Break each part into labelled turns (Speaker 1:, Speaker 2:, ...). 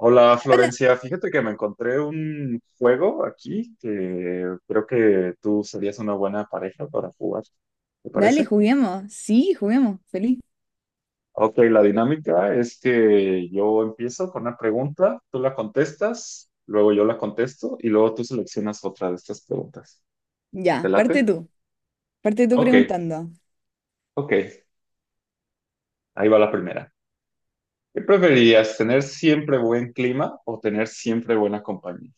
Speaker 1: Hola
Speaker 2: Hola,
Speaker 1: Florencia, fíjate que me encontré un juego aquí que creo que tú serías una buena pareja para jugar, ¿te
Speaker 2: dale,
Speaker 1: parece?
Speaker 2: juguemos. Sí, juguemos, feliz.
Speaker 1: Ok, la dinámica es que yo empiezo con una pregunta, tú la contestas, luego yo la contesto y luego tú seleccionas otra de estas preguntas. ¿Te
Speaker 2: Ya,
Speaker 1: late?
Speaker 2: parte tú
Speaker 1: Ok,
Speaker 2: preguntando.
Speaker 1: ok, ahí va la primera. ¿Qué preferirías, tener siempre buen clima o tener siempre buena compañía?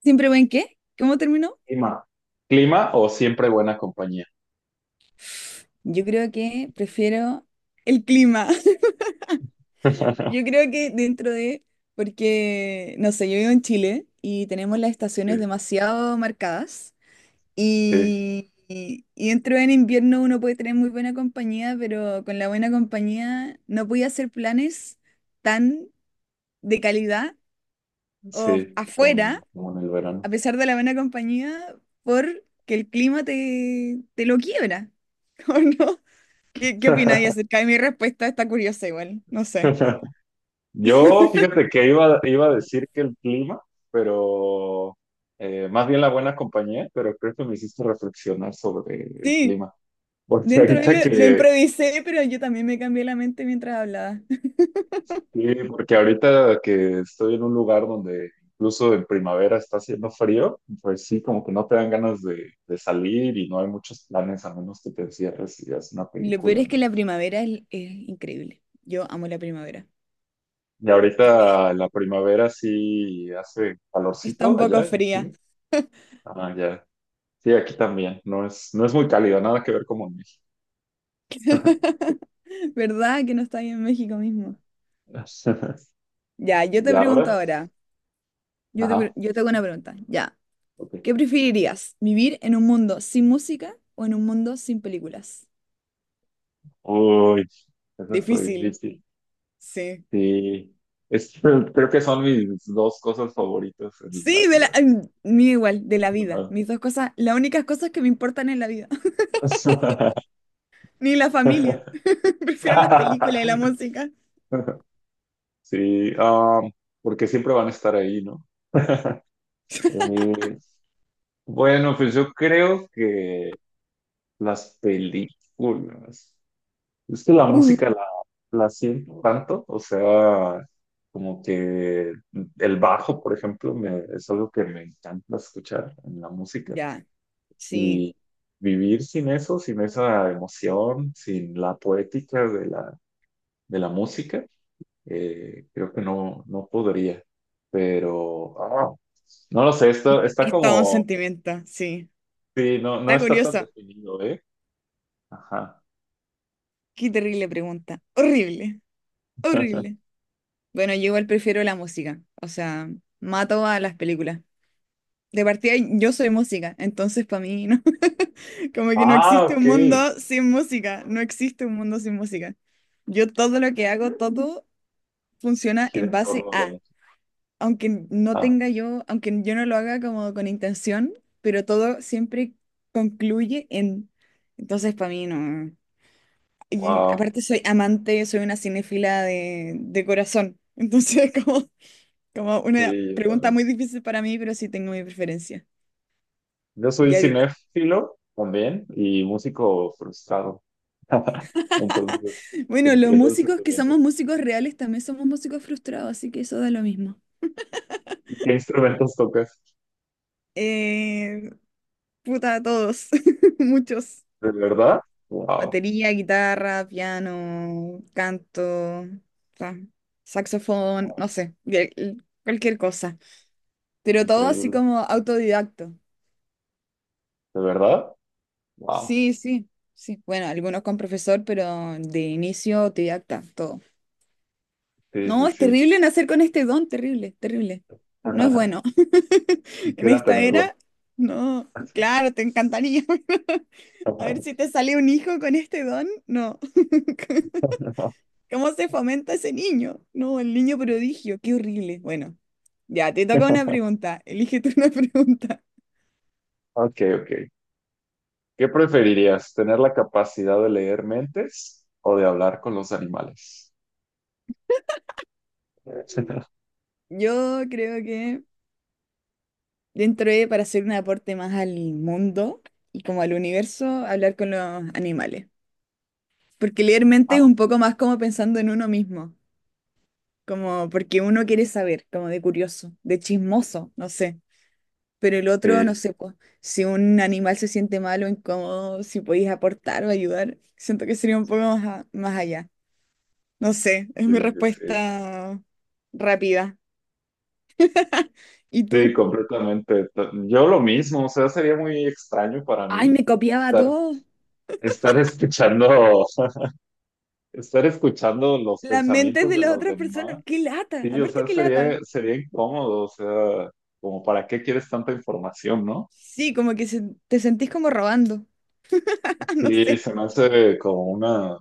Speaker 2: ¿Siempre buen qué? ¿Cómo terminó?
Speaker 1: Clima. ¿Clima o siempre buena compañía?
Speaker 2: Yo creo que prefiero el clima. Yo creo que dentro de, porque, no sé, yo vivo en Chile y tenemos las estaciones demasiado marcadas
Speaker 1: Sí,
Speaker 2: y dentro del invierno uno puede tener muy buena compañía, pero con la buena compañía no podía hacer planes tan de calidad o
Speaker 1: sí, como,
Speaker 2: afuera
Speaker 1: como en el verano.
Speaker 2: a pesar de la buena compañía, porque el clima te lo quiebra, ¿o no? ¿Qué opináis acerca de mi respuesta? Está curiosa igual, no sé.
Speaker 1: Yo, fíjate que iba a decir que el clima, pero más bien la buena compañía, pero creo que me hiciste reflexionar sobre el
Speaker 2: Sí,
Speaker 1: clima. Porque
Speaker 2: dentro de
Speaker 1: ahorita
Speaker 2: lo
Speaker 1: que,
Speaker 2: improvisé, pero yo también me cambié la mente mientras hablaba.
Speaker 1: sí, porque ahorita que estoy en un lugar donde incluso en primavera está haciendo frío, pues sí, como que no te dan ganas de salir y no hay muchos planes a menos que te encierres y veas una
Speaker 2: Lo peor
Speaker 1: película,
Speaker 2: es que
Speaker 1: ¿no?
Speaker 2: la primavera es increíble. Yo amo la primavera.
Speaker 1: Y ahorita la primavera sí hace
Speaker 2: Está un
Speaker 1: calorcito
Speaker 2: poco
Speaker 1: allá,
Speaker 2: fría,
Speaker 1: sí. Ah, ya. Sí, aquí también. No es, no es muy cálido, nada que ver como en México.
Speaker 2: ¿verdad? Que no está ahí en México mismo. Ya, yo
Speaker 1: Y
Speaker 2: te pregunto
Speaker 1: ahora,
Speaker 2: ahora.
Speaker 1: ajá.
Speaker 2: Yo te hago una pregunta. Ya.
Speaker 1: Ok.
Speaker 2: ¿Qué preferirías? ¿Vivir en un mundo sin música o en un mundo sin películas?
Speaker 1: Uy, eso está
Speaker 2: Difícil,
Speaker 1: difícil.
Speaker 2: sí.
Speaker 1: Sí. Es- creo que son mis dos cosas favoritas en la
Speaker 2: Sí, de la...
Speaker 1: vida.
Speaker 2: mm, Mío igual, de la vida. Mis dos cosas, las únicas cosas que me importan en la vida.
Speaker 1: Ajá.
Speaker 2: Ni la familia. Prefiero las películas y la música.
Speaker 1: Sí, ah, porque siempre van a estar ahí, ¿no? Eh, bueno, pues yo creo que las películas. Es que la
Speaker 2: Uh,
Speaker 1: música la, la siento tanto, o sea, como que el bajo, por ejemplo, me- es algo que me encanta escuchar en la música.
Speaker 2: ya, sí.
Speaker 1: Y vivir sin eso, sin esa emoción, sin la poética de la música, creo que no, no podría. Pero, ah, no lo sé,
Speaker 2: Es
Speaker 1: está,
Speaker 2: que
Speaker 1: está
Speaker 2: es todo un
Speaker 1: como,
Speaker 2: sentimiento, sí.
Speaker 1: sí, no, no
Speaker 2: Está
Speaker 1: está tan
Speaker 2: curioso.
Speaker 1: definido, ¿eh? Ajá.
Speaker 2: Qué terrible pregunta. Horrible, horrible. Bueno, yo igual prefiero la música. O sea, mato a las películas. De partida yo soy música, entonces para mí no, como que no
Speaker 1: Ah,
Speaker 2: existe un
Speaker 1: ok.
Speaker 2: mundo sin música, no existe un mundo sin música. Yo todo lo que hago, todo funciona
Speaker 1: Gira
Speaker 2: en
Speaker 1: en
Speaker 2: base
Speaker 1: torno a la
Speaker 2: a,
Speaker 1: música.
Speaker 2: aunque no
Speaker 1: Ah,
Speaker 2: tenga yo, aunque yo no lo haga como con intención, pero todo siempre concluye en, entonces para mí no. Y
Speaker 1: wow,
Speaker 2: aparte soy amante, soy una cinéfila de corazón, entonces como, como una
Speaker 1: sí, yo
Speaker 2: pregunta
Speaker 1: también.
Speaker 2: muy difícil para mí, pero sí tengo mi preferencia.
Speaker 1: Yo soy
Speaker 2: Ya.
Speaker 1: cinéfilo también y músico frustrado. Entonces,
Speaker 2: Bueno, los
Speaker 1: entiendo el
Speaker 2: músicos que
Speaker 1: sentimiento.
Speaker 2: somos músicos reales también somos músicos frustrados, así que eso da lo mismo.
Speaker 1: ¿Y ¿qué instrumentos tocas?
Speaker 2: Eh, puta, todos, muchos.
Speaker 1: ¿De verdad? Wow,
Speaker 2: Batería, guitarra, piano, canto, sa- saxofón,
Speaker 1: wow,
Speaker 2: no sé, cualquier cosa. Pero todo así
Speaker 1: increíble.
Speaker 2: como autodidacto.
Speaker 1: ¿De verdad? Wow,
Speaker 2: Sí, sí, sí. Bueno, algunos con profesor, pero de inicio autodidacta, todo.
Speaker 1: sí, sí,
Speaker 2: No, es
Speaker 1: sí.
Speaker 2: terrible nacer con este don, terrible, terrible. No es bueno. En
Speaker 1: Quisiera
Speaker 2: esta
Speaker 1: tenerlo.
Speaker 2: era, no, claro, te encantaría. A ver si te sale un hijo con este don. No. ¿Cómo se fomenta ese niño? No, el niño prodigio, qué horrible. Bueno, ya, te toca una pregunta. Elige tú una pregunta.
Speaker 1: Ok, ok. ¿Qué preferirías? ¿Tener la capacidad de leer mentes o de hablar con los animales?
Speaker 2: Yo creo que dentro de, para hacer un aporte más al mundo y como al universo, hablar con los animales. Porque leer mente es
Speaker 1: Ah,
Speaker 2: un poco más como pensando en uno mismo, como porque uno quiere saber, como de curioso, de chismoso, no sé. Pero el otro, no
Speaker 1: sí.
Speaker 2: sé, pues, si un animal se siente mal o incómodo, si podéis aportar o ayudar, siento que sería un poco más, más allá. No sé, es
Speaker 1: Sí,
Speaker 2: mi
Speaker 1: sí, sí.
Speaker 2: respuesta rápida. ¿Y
Speaker 1: Sí,
Speaker 2: tú?
Speaker 1: completamente. To- Yo lo mismo, o sea, sería muy extraño para
Speaker 2: Ay,
Speaker 1: mí
Speaker 2: me copiaba
Speaker 1: estar,
Speaker 2: todo.
Speaker 1: estar escuchando, estar escuchando los
Speaker 2: Las mentes
Speaker 1: pensamientos
Speaker 2: de
Speaker 1: de
Speaker 2: las
Speaker 1: los
Speaker 2: otras personas.
Speaker 1: demás.
Speaker 2: ¡Qué lata!
Speaker 1: Sí, o
Speaker 2: Aparte,
Speaker 1: sea,
Speaker 2: qué lata.
Speaker 1: sería, sería incómodo, o sea, como para qué quieres tanta información, ¿no?
Speaker 2: Sí, te sentís como robando. No
Speaker 1: Sí,
Speaker 2: sé.
Speaker 1: se me hace como una,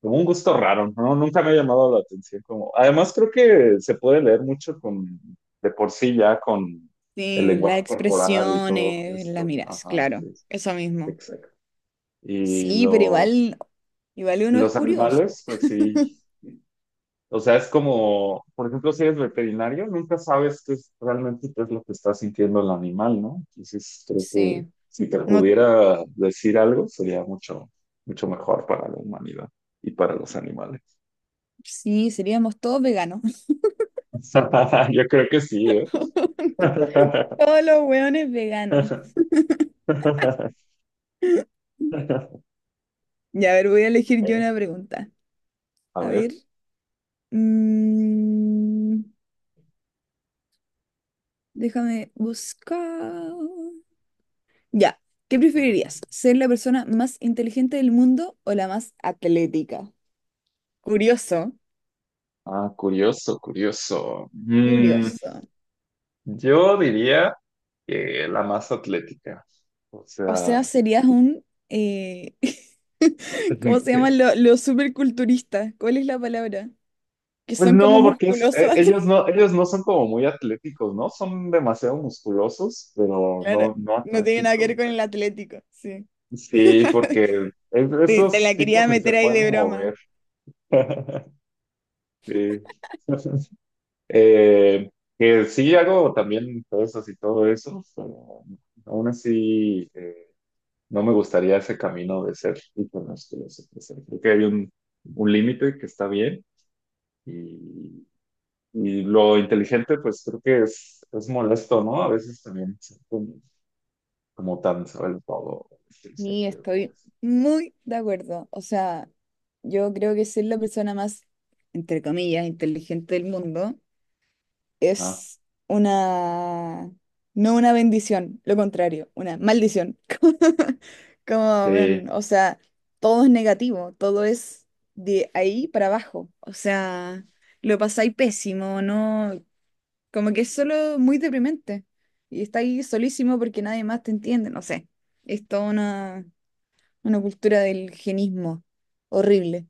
Speaker 1: como un gusto raro, ¿no? Nunca me ha llamado la atención como. Además, creo que se puede leer mucho con, de por sí ya con el
Speaker 2: Sí,
Speaker 1: lenguaje
Speaker 2: las
Speaker 1: corporal y todo
Speaker 2: expresiones, las
Speaker 1: esto.
Speaker 2: miras,
Speaker 1: Ajá,
Speaker 2: claro.
Speaker 1: sí.
Speaker 2: Eso mismo.
Speaker 1: Exacto. Y
Speaker 2: Sí, pero igual, igual uno es
Speaker 1: los
Speaker 2: curioso.
Speaker 1: animales, pues sí. O sea, es como, por ejemplo, si eres veterinario, nunca sabes qué es realmente qué es lo que está sintiendo el animal, ¿no? Entonces, creo que
Speaker 2: Sí.
Speaker 1: si te
Speaker 2: No,
Speaker 1: pudiera decir algo, sería mucho, mucho mejor para la humanidad y para los animales.
Speaker 2: sí, seríamos todos veganos.
Speaker 1: Yo creo que sí, ¿eh?
Speaker 2: Todos los hueones veganos. Ya, a ver, voy a elegir yo una
Speaker 1: Ok,
Speaker 2: pregunta.
Speaker 1: a
Speaker 2: A
Speaker 1: ver.
Speaker 2: ver. mm, Déjame buscar. Ya, ¿qué preferirías? ¿Ser la persona más inteligente del mundo o la más atlética? Curioso,
Speaker 1: Ah, curioso, curioso.
Speaker 2: curioso.
Speaker 1: Yo diría. La más atlética. O
Speaker 2: O sea,
Speaker 1: sea,
Speaker 2: serías un... ¿Cómo se llaman los superculturistas? ¿Cuál es la palabra? Que
Speaker 1: pues
Speaker 2: son como
Speaker 1: no, porque es-
Speaker 2: musculosos.
Speaker 1: ellos no son como muy atléticos, ¿no? Son demasiado musculosos, pero
Speaker 2: Claro,
Speaker 1: no, no
Speaker 2: no tiene nada que
Speaker 1: atléticos.
Speaker 2: ver con
Speaker 1: Pero-
Speaker 2: el Atlético, sí.
Speaker 1: sí, porque es-
Speaker 2: Te
Speaker 1: esos
Speaker 2: la quería
Speaker 1: tipos ni se
Speaker 2: meter ahí
Speaker 1: pueden
Speaker 2: de broma.
Speaker 1: mover. Sí. Eh, que sí hago también cosas y todo eso, pero aún así no me gustaría ese camino de ser hipermusculoso. O sea, creo que hay un límite que está bien. Y, y lo inteligente, pues creo que es molesto, ¿no? A veces también ser como, como tan sabe todo.
Speaker 2: Y
Speaker 1: Inteligente, o
Speaker 2: estoy
Speaker 1: así.
Speaker 2: muy de acuerdo. O sea, yo creo que ser la persona más, entre comillas, inteligente del mundo
Speaker 1: Ah,
Speaker 2: es una, no una bendición, lo contrario, una maldición. Como, como, weón,
Speaker 1: sí,
Speaker 2: o sea, todo es negativo, todo es de ahí para abajo. O sea, lo pasáis pésimo, ¿no? Como que es solo muy deprimente. Y está ahí solísimo porque nadie más te entiende, no sé. Es toda una cultura del genismo horrible.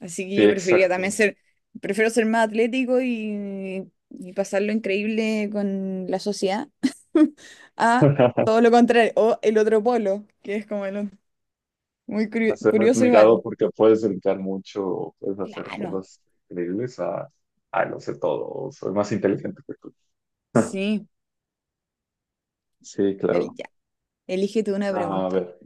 Speaker 2: Así que
Speaker 1: sí,
Speaker 2: yo preferiría también
Speaker 1: exacto.
Speaker 2: ser, prefiero ser más atlético y pasarlo increíble con la sociedad a todo lo contrario, o el otro polo, que es como el otro. Muy
Speaker 1: A ser
Speaker 2: curioso
Speaker 1: admirado
Speaker 2: igual.
Speaker 1: porque puedes brincar mucho, o puedes hacer
Speaker 2: Claro,
Speaker 1: cosas increíbles a, ah, lo sé todo, o soy más inteligente que tú.
Speaker 2: sí.
Speaker 1: Sí, claro.
Speaker 2: El, ya. Elígete una
Speaker 1: A
Speaker 2: pregunta.
Speaker 1: ver,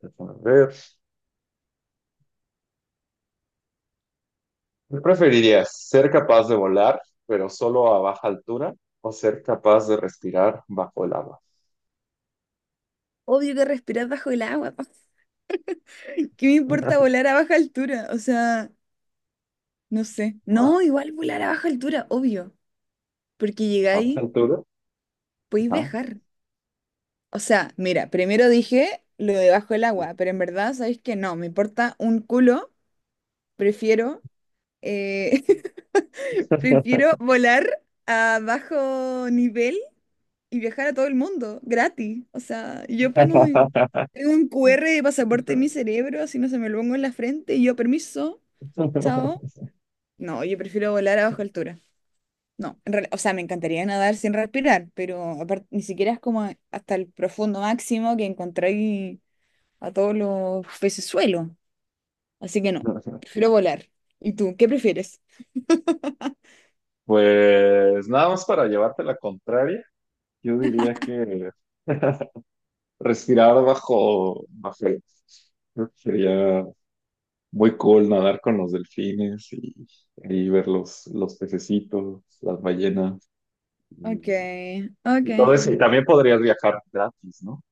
Speaker 1: déjame ver. ¿Qué preferirías? ¿Ser capaz de volar, pero solo a baja altura, o ser capaz de respirar bajo el agua?
Speaker 2: Obvio que respirar bajo el agua. ¿Qué me importa volar a baja altura? O sea, no sé.
Speaker 1: Ajá.
Speaker 2: No, igual volar a baja altura, obvio. Porque
Speaker 1: A esa
Speaker 2: llegáis,
Speaker 1: altura.
Speaker 2: podéis
Speaker 1: Ajá.
Speaker 2: viajar. O sea, mira, primero dije lo de bajo el agua, pero en verdad, ¿sabéis que no? Me importa un culo. Prefiero, eh, prefiero volar a bajo nivel y viajar a todo el mundo, gratis. O sea, tengo un QR de pasaporte en mi cerebro, así no se me lo pongo en la frente y yo, permiso, chao. No, yo prefiero volar a baja altura. No, o sea, me encantaría nadar sin respirar, pero aparte ni siquiera es como hasta el profundo máximo que encontráis a todos los pecesuelos. Así que no, prefiero volar. ¿Y tú, qué prefieres?
Speaker 1: Pues nada más para llevarte la contraria, yo diría que respirar bajo, bajo el- creo que sería muy cool nadar con los delfines y ver los pececitos, las ballenas
Speaker 2: Ok,
Speaker 1: y,
Speaker 2: ok.
Speaker 1: y todo eso. Y también podrías viajar gratis, ¿no?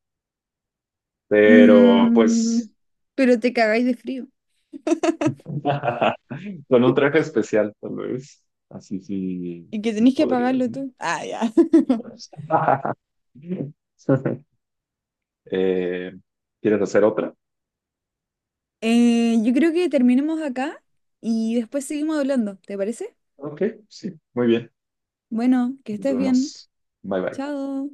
Speaker 1: Pero
Speaker 2: Mm,
Speaker 1: pues
Speaker 2: pero te cagáis de frío.
Speaker 1: con un traje especial, tal vez. Así sí,
Speaker 2: Y que
Speaker 1: sí
Speaker 2: tenéis que
Speaker 1: podría,
Speaker 2: apagarlo
Speaker 1: sí.
Speaker 2: tú. Ah, ya.
Speaker 1: Eh, ¿quieres hacer otra?
Speaker 2: Yo creo que terminemos acá y después seguimos hablando, ¿te parece?
Speaker 1: Ok, sí, muy bien.
Speaker 2: Bueno, que
Speaker 1: Nos
Speaker 2: estés bien.
Speaker 1: vemos. Bye bye.
Speaker 2: Chao.